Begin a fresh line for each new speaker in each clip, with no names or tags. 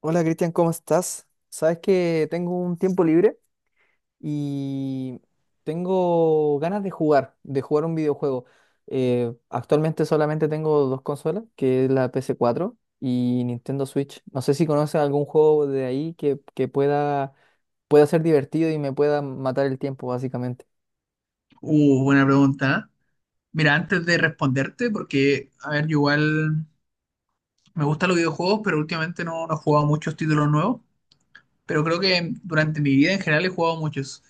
Hola Cristian, ¿cómo estás? Sabes que tengo un tiempo libre y tengo ganas de jugar un videojuego. Actualmente solamente tengo dos consolas, que es la PS4 y Nintendo Switch. No sé si conoces algún juego de ahí que pueda ser divertido y me pueda matar el tiempo, básicamente.
Buena pregunta. Mira, antes de responderte, porque, a ver, yo igual me gustan los videojuegos, pero últimamente no he jugado muchos títulos nuevos, pero creo que durante mi vida en general he jugado muchos.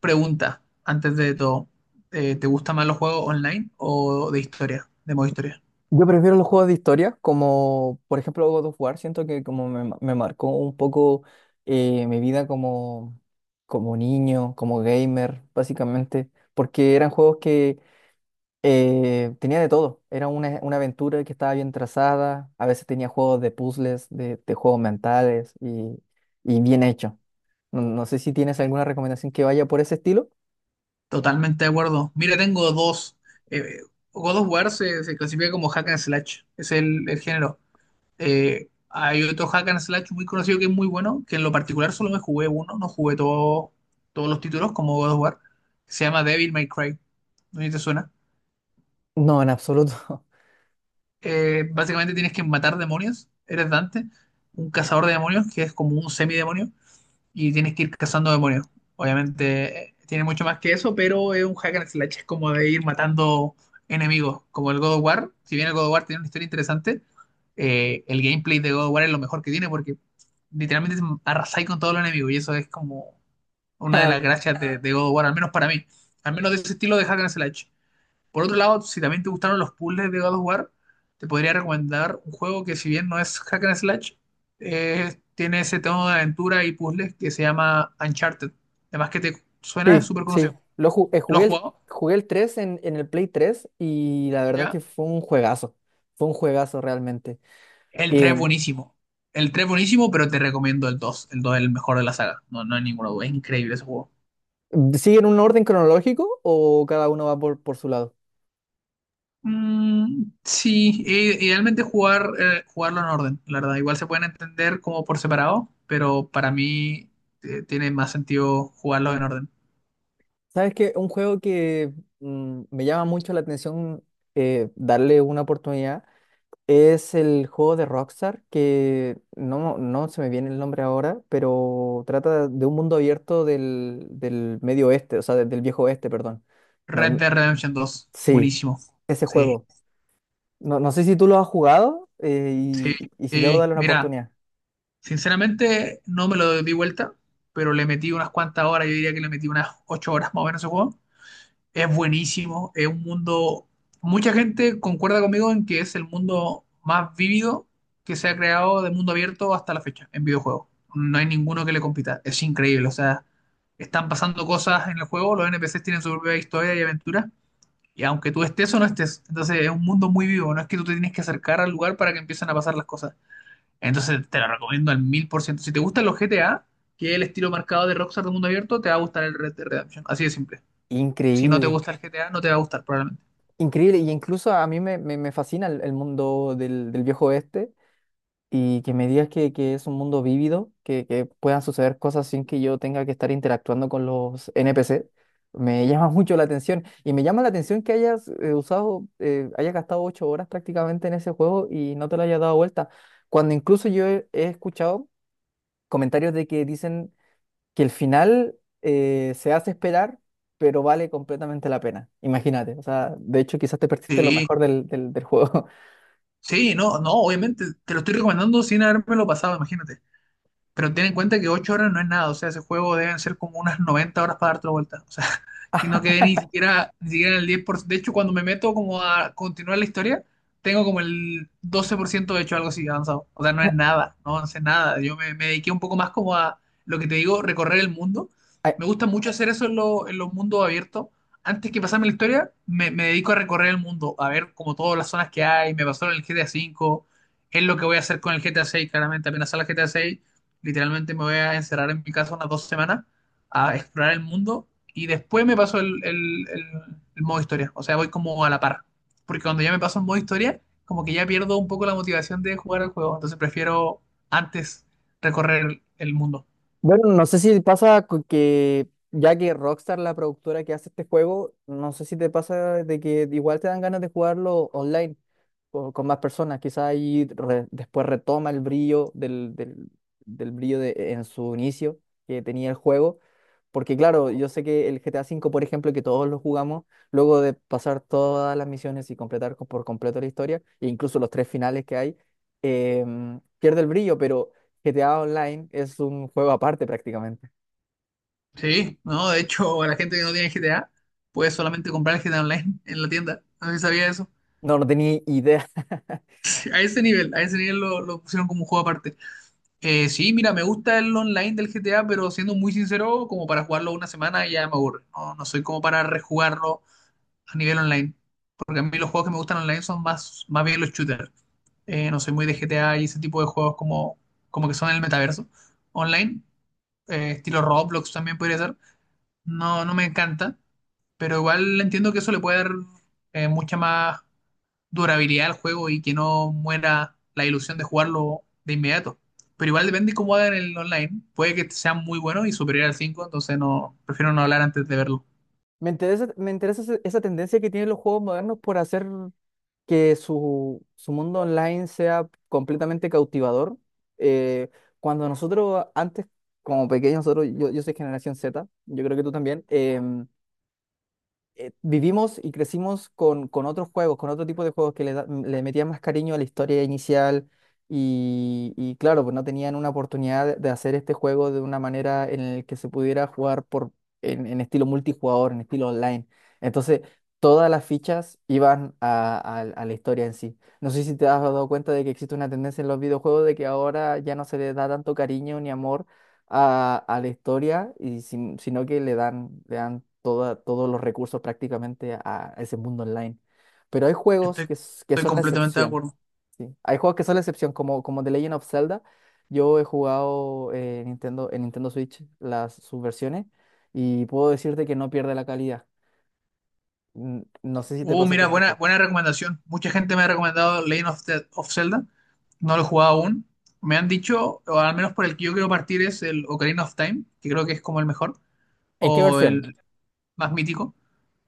Pregunta, antes de todo, ¿te gustan más los juegos online o de historia, de modo historia?
Yo prefiero los juegos de historia, como por ejemplo God of War. Siento que como me marcó un poco mi vida como niño, como gamer, básicamente, porque eran juegos que tenía de todo. Era una aventura que estaba bien trazada. A veces tenía juegos de puzzles, de juegos mentales y bien hecho. No, no sé si tienes alguna recomendación que vaya por ese estilo.
Totalmente de acuerdo. Mira, tengo dos. Eh, God of War se clasifica como hack and slash, es el género. Hay otro hack and slash muy conocido que es muy bueno, que en lo particular solo me jugué uno, no jugué todos los títulos como God of War. Se llama Devil May Cry. ¿No sé si te suena?
No, en absoluto.
Básicamente tienes que matar demonios. Eres Dante, un cazador de demonios que es como un semidemonio y tienes que ir cazando demonios. Obviamente tiene mucho más que eso, pero es un hack and slash, es como de ir matando enemigos, como el God of War. Si bien el God of War tiene una historia interesante, el gameplay de God of War es lo mejor que tiene porque literalmente arrasáis con todos los enemigos y eso es como una de las gracias de God of War, al menos para mí, al menos de ese estilo de hack and slash. Por otro lado, si también te gustaron los puzzles de God of War, te podría recomendar un juego que si bien no es hack and slash, tiene ese tono de aventura y puzzles que se llama Uncharted. Además que te suena, es
Sí,
súper conocido.
sí. Lo ju-
¿Lo has jugado?
jugué el 3 en el Play 3 y la verdad es que
¿Ya?
fue un juegazo. Fue un juegazo realmente.
El 3
Eh,
es buenísimo. El tres buenísimo, pero te recomiendo el 2. El 2 es el mejor de la saga. No hay ninguna duda. Es increíble ese juego.
¿Siguen un orden cronológico o cada uno va por su lado?
Mm, sí, idealmente jugar, jugarlo en orden, la verdad. Igual se pueden entender como por separado, pero para mí tiene más sentido jugarlo en orden.
¿Sabes qué? Un juego que me llama mucho la atención darle una oportunidad es el juego de Rockstar, que no, no se me viene el nombre ahora, pero trata de un mundo abierto del medio oeste, o sea, del viejo oeste, perdón.
Red
No-
Dead Redemption 2,
sí.
buenísimo.
Ese
Sí,
juego. No, no sé si tú lo has jugado
sí,
y si debo
sí.
darle una
Mira,
oportunidad.
sinceramente no me lo di vuelta, pero le metí unas cuantas horas, yo diría que le metí unas 8 horas más o menos a ese juego. Es buenísimo, es un mundo, mucha gente concuerda conmigo en que es el mundo más vívido que se ha creado de mundo abierto hasta la fecha en videojuegos. No hay ninguno que le compita, es increíble, o sea, están pasando cosas en el juego, los NPCs tienen su propia historia y aventura, y aunque tú estés o no estés, entonces es un mundo muy vivo, no es que tú te tienes que acercar al lugar para que empiecen a pasar las cosas. Entonces te lo recomiendo al mil por ciento. Si te gustan los GTA, que es el estilo marcado de Rockstar de mundo abierto, te va a gustar el Red Dead Redemption, así de simple. Si no te
Increíble,
gusta el GTA, no te va a gustar probablemente.
increíble. Y incluso a mí me fascina el mundo del viejo oeste y que me digas que es un mundo vívido, que puedan suceder cosas sin que yo tenga que estar interactuando con los NPC. Me llama mucho la atención y me llama la atención que hayas gastado 8 horas prácticamente en ese juego y no te lo hayas dado vuelta. Cuando incluso yo he escuchado comentarios de que dicen que el final se hace esperar, pero vale completamente la pena. Imagínate, o sea, de hecho quizás te perdiste lo
Sí,
mejor del juego.
sí, no, no, obviamente. Te lo estoy recomendando sin habérmelo pasado, imagínate. Pero ten en cuenta que 8 horas no es nada. O sea, ese juego deben ser como unas 90 horas para darte la vuelta. O sea, y no quedé ni siquiera, ni siquiera en el 10%. De hecho, cuando me meto como a continuar la historia, tengo como el 12% hecho, algo así avanzado. O sea, no es
Ah,
nada, no avancé nada. Yo me dediqué un poco más como a lo que te digo, recorrer el mundo.
ay,
Me gusta mucho hacer eso en, en los mundos abiertos. Antes que pasarme la historia, me dedico a recorrer el mundo, a ver como todas las zonas que hay. Me pasó en el GTA V, es lo que voy a hacer con el GTA 6, claramente. Apenas sale el GTA 6, literalmente me voy a encerrar en mi casa unas 2 semanas a explorar el mundo y después me paso el modo historia. O sea, voy como a la par. Porque cuando ya me paso el modo historia, como que ya pierdo un poco la motivación de jugar al juego. Entonces prefiero antes recorrer el mundo.
bueno, no sé si pasa que ya que Rockstar, la productora que hace este juego, no sé si te pasa de que igual te dan ganas de jugarlo online o con más personas, quizás ahí después retoma el brillo del brillo en su inicio que tenía el juego. Porque claro, yo sé que el GTA 5, por ejemplo, que todos lo jugamos, luego de pasar todas las misiones y completar por completo la historia, e incluso los tres finales que hay, pierde el brillo, pero GTA Online es un juego aparte prácticamente.
Sí, no, de hecho, a la gente que no tiene GTA puede solamente comprar el GTA Online en la tienda. No sé si sabía eso.
No, no tenía idea.
A ese nivel lo pusieron como un juego aparte. Sí, mira, me gusta el online del GTA, pero siendo muy sincero, como para jugarlo una semana ya me aburre. No soy como para rejugarlo a nivel online. Porque a mí los juegos que me gustan online son más, más bien los shooters. No soy muy de GTA y ese tipo de juegos como, como que son el metaverso online. Estilo Roblox también podría ser. No me encanta, pero igual entiendo que eso le puede dar mucha más durabilidad al juego y que no muera la ilusión de jugarlo de inmediato. Pero igual depende de cómo hagan el online. Puede que sea muy bueno y superior al 5 entonces no, prefiero no hablar antes de verlo.
Me interesa esa tendencia que tienen los juegos modernos por hacer que su mundo online sea completamente cautivador. Eh, Cuando nosotros antes, como pequeños, yo soy generación Z, yo creo que tú también. Vivimos y crecimos con otros juegos, con otro tipo de juegos que le metían más cariño a la historia inicial y claro, pues no tenían una oportunidad de hacer este juego de una manera en la que se pudiera jugar en estilo multijugador, en estilo online. Entonces, todas las fichas iban a la historia en sí. No sé si te has dado cuenta de que existe una tendencia en los videojuegos de que ahora ya no se les da tanto cariño ni amor a la historia, y sino que le dan todos los recursos prácticamente a ese mundo online. Pero hay juegos
Estoy,
que
estoy
son la
completamente de
excepción,
acuerdo.
¿sí? Hay juegos que son la excepción, como The Legend of Zelda. Yo he jugado en Nintendo Switch sus versiones y puedo decirte que no pierde la calidad. No sé si te pasa
Mira,
con otros juegos.
buena recomendación. Mucha gente me ha recomendado Legend of Zelda. No lo he jugado aún. Me han dicho, o al menos por el que yo quiero partir, es el Ocarina of Time, que creo que es como el mejor,
¿En qué
o
versión?
el más mítico.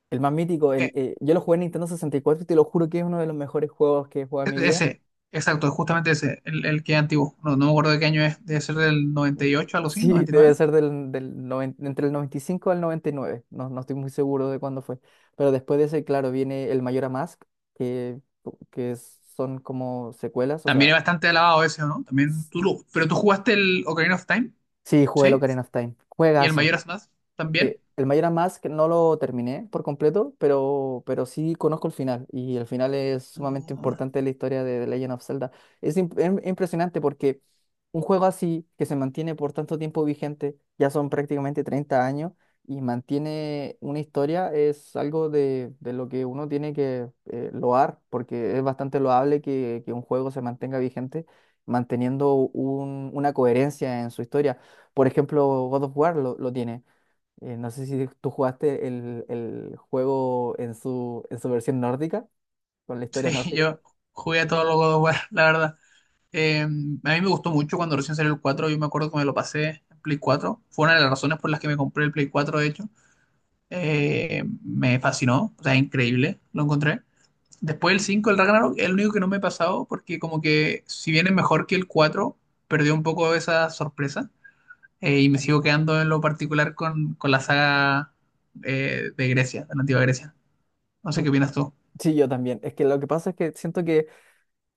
El más mítico,
Eh,
yo lo jugué en Nintendo 64 y cuatro y te lo juro que es uno de los mejores juegos que he jugado en
e-,
mi vida.
ese, exacto, justamente ese, el que es antiguo. No me acuerdo de qué año es, debe ser del 98, algo así,
Sí,
noventa y
debe
nueve
ser del entre el 95 al noventa y nueve. No, no estoy muy seguro de cuándo fue. Pero después de ese, claro, viene el Mayor Mask, que, que son como secuelas. O
También
sea,
es bastante alabado ese, ¿no? También
s-
pero tú jugaste el Ocarina of Time,
sí, jugué el
¿sí?
Ocarina of Time.
Y el
Juegazo.
Majora's Mask también.
El Mayor Mask no lo terminé por completo, pero sí conozco el final. Y el final es sumamente
Ah,
importante en la historia de The Legend of Zelda. Es impresionante porque un juego así, que se mantiene por tanto tiempo vigente, ya son prácticamente 30 años, y mantiene una historia, es algo de lo que uno tiene que loar, porque es bastante loable que un juego se mantenga vigente, manteniendo una coherencia en su historia. Por ejemplo, God of War lo tiene. No sé si tú jugaste el juego en en su versión nórdica, con la historia
sí,
nórdica.
yo jugué a todos los God of War, la verdad. A mí me gustó mucho cuando recién salió el cuatro, yo me acuerdo que me lo pasé en Play cuatro, fue una de las razones por las que me compré el Play 4 de hecho. Me fascinó, o sea, increíble, lo encontré. Después el cinco, el Ragnarok, es el único que no me he pasado porque como que si bien es mejor que el 4 perdió un poco esa sorpresa, y me sigo quedando en lo particular con la saga de Grecia, de la antigua Grecia. No sé qué opinas tú.
Sí, yo también. Es que lo que pasa es que siento que.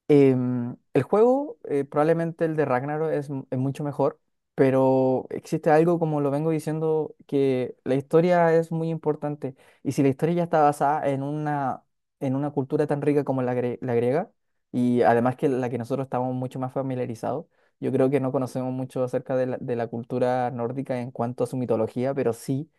El juego, probablemente el de Ragnarok, es mucho mejor, pero existe algo, como lo vengo diciendo, que la historia es muy importante. Y si la historia ya está basada en una cultura tan rica como la griega, y además que la que nosotros estamos mucho más familiarizados, yo creo que no conocemos mucho acerca de la cultura nórdica en cuanto a su mitología, pero sí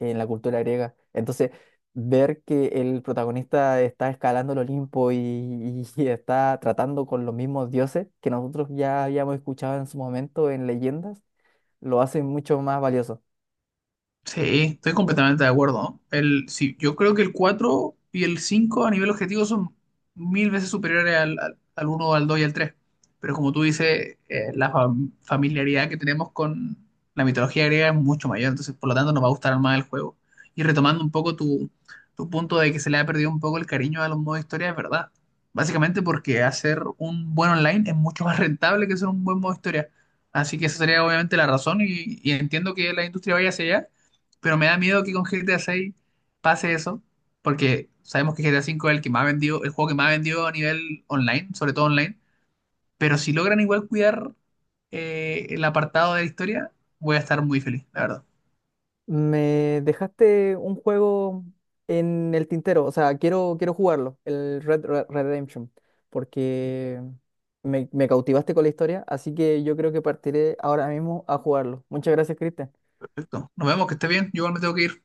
en la cultura griega. Entonces, ver que el protagonista está escalando el Olimpo y está tratando con los mismos dioses que nosotros ya habíamos escuchado en su momento en leyendas, lo hace mucho más valioso.
Sí, estoy completamente de acuerdo. El, sí, yo creo que el 4 y el 5 a nivel objetivo son mil veces superiores al, al, al 1, al 2 y al 3. Pero como tú dices, familiaridad que tenemos con la mitología griega es mucho mayor, entonces por lo tanto nos va a gustar más el juego. Y retomando un poco tu punto de que se le ha perdido un poco el cariño a los modos historia, es verdad. Básicamente porque hacer un buen online es mucho más rentable que hacer un buen modo historia. Así que esa sería obviamente la razón, y entiendo que la industria vaya hacia allá, pero me da miedo que con GTA 6 pase eso, porque sabemos que GTA 5 es el que más vendió, el juego que más vendió a nivel online, sobre todo online. Pero si logran igual cuidar el apartado de la historia, voy a estar muy feliz, la verdad.
Me dejaste un juego en el tintero, o sea, quiero jugarlo, el Red Red Redemption, porque me cautivaste con la historia, así que yo creo que partiré ahora mismo a jugarlo. Muchas gracias, Cristian.
Perfecto. Nos vemos, que esté bien. Yo igual me tengo que ir.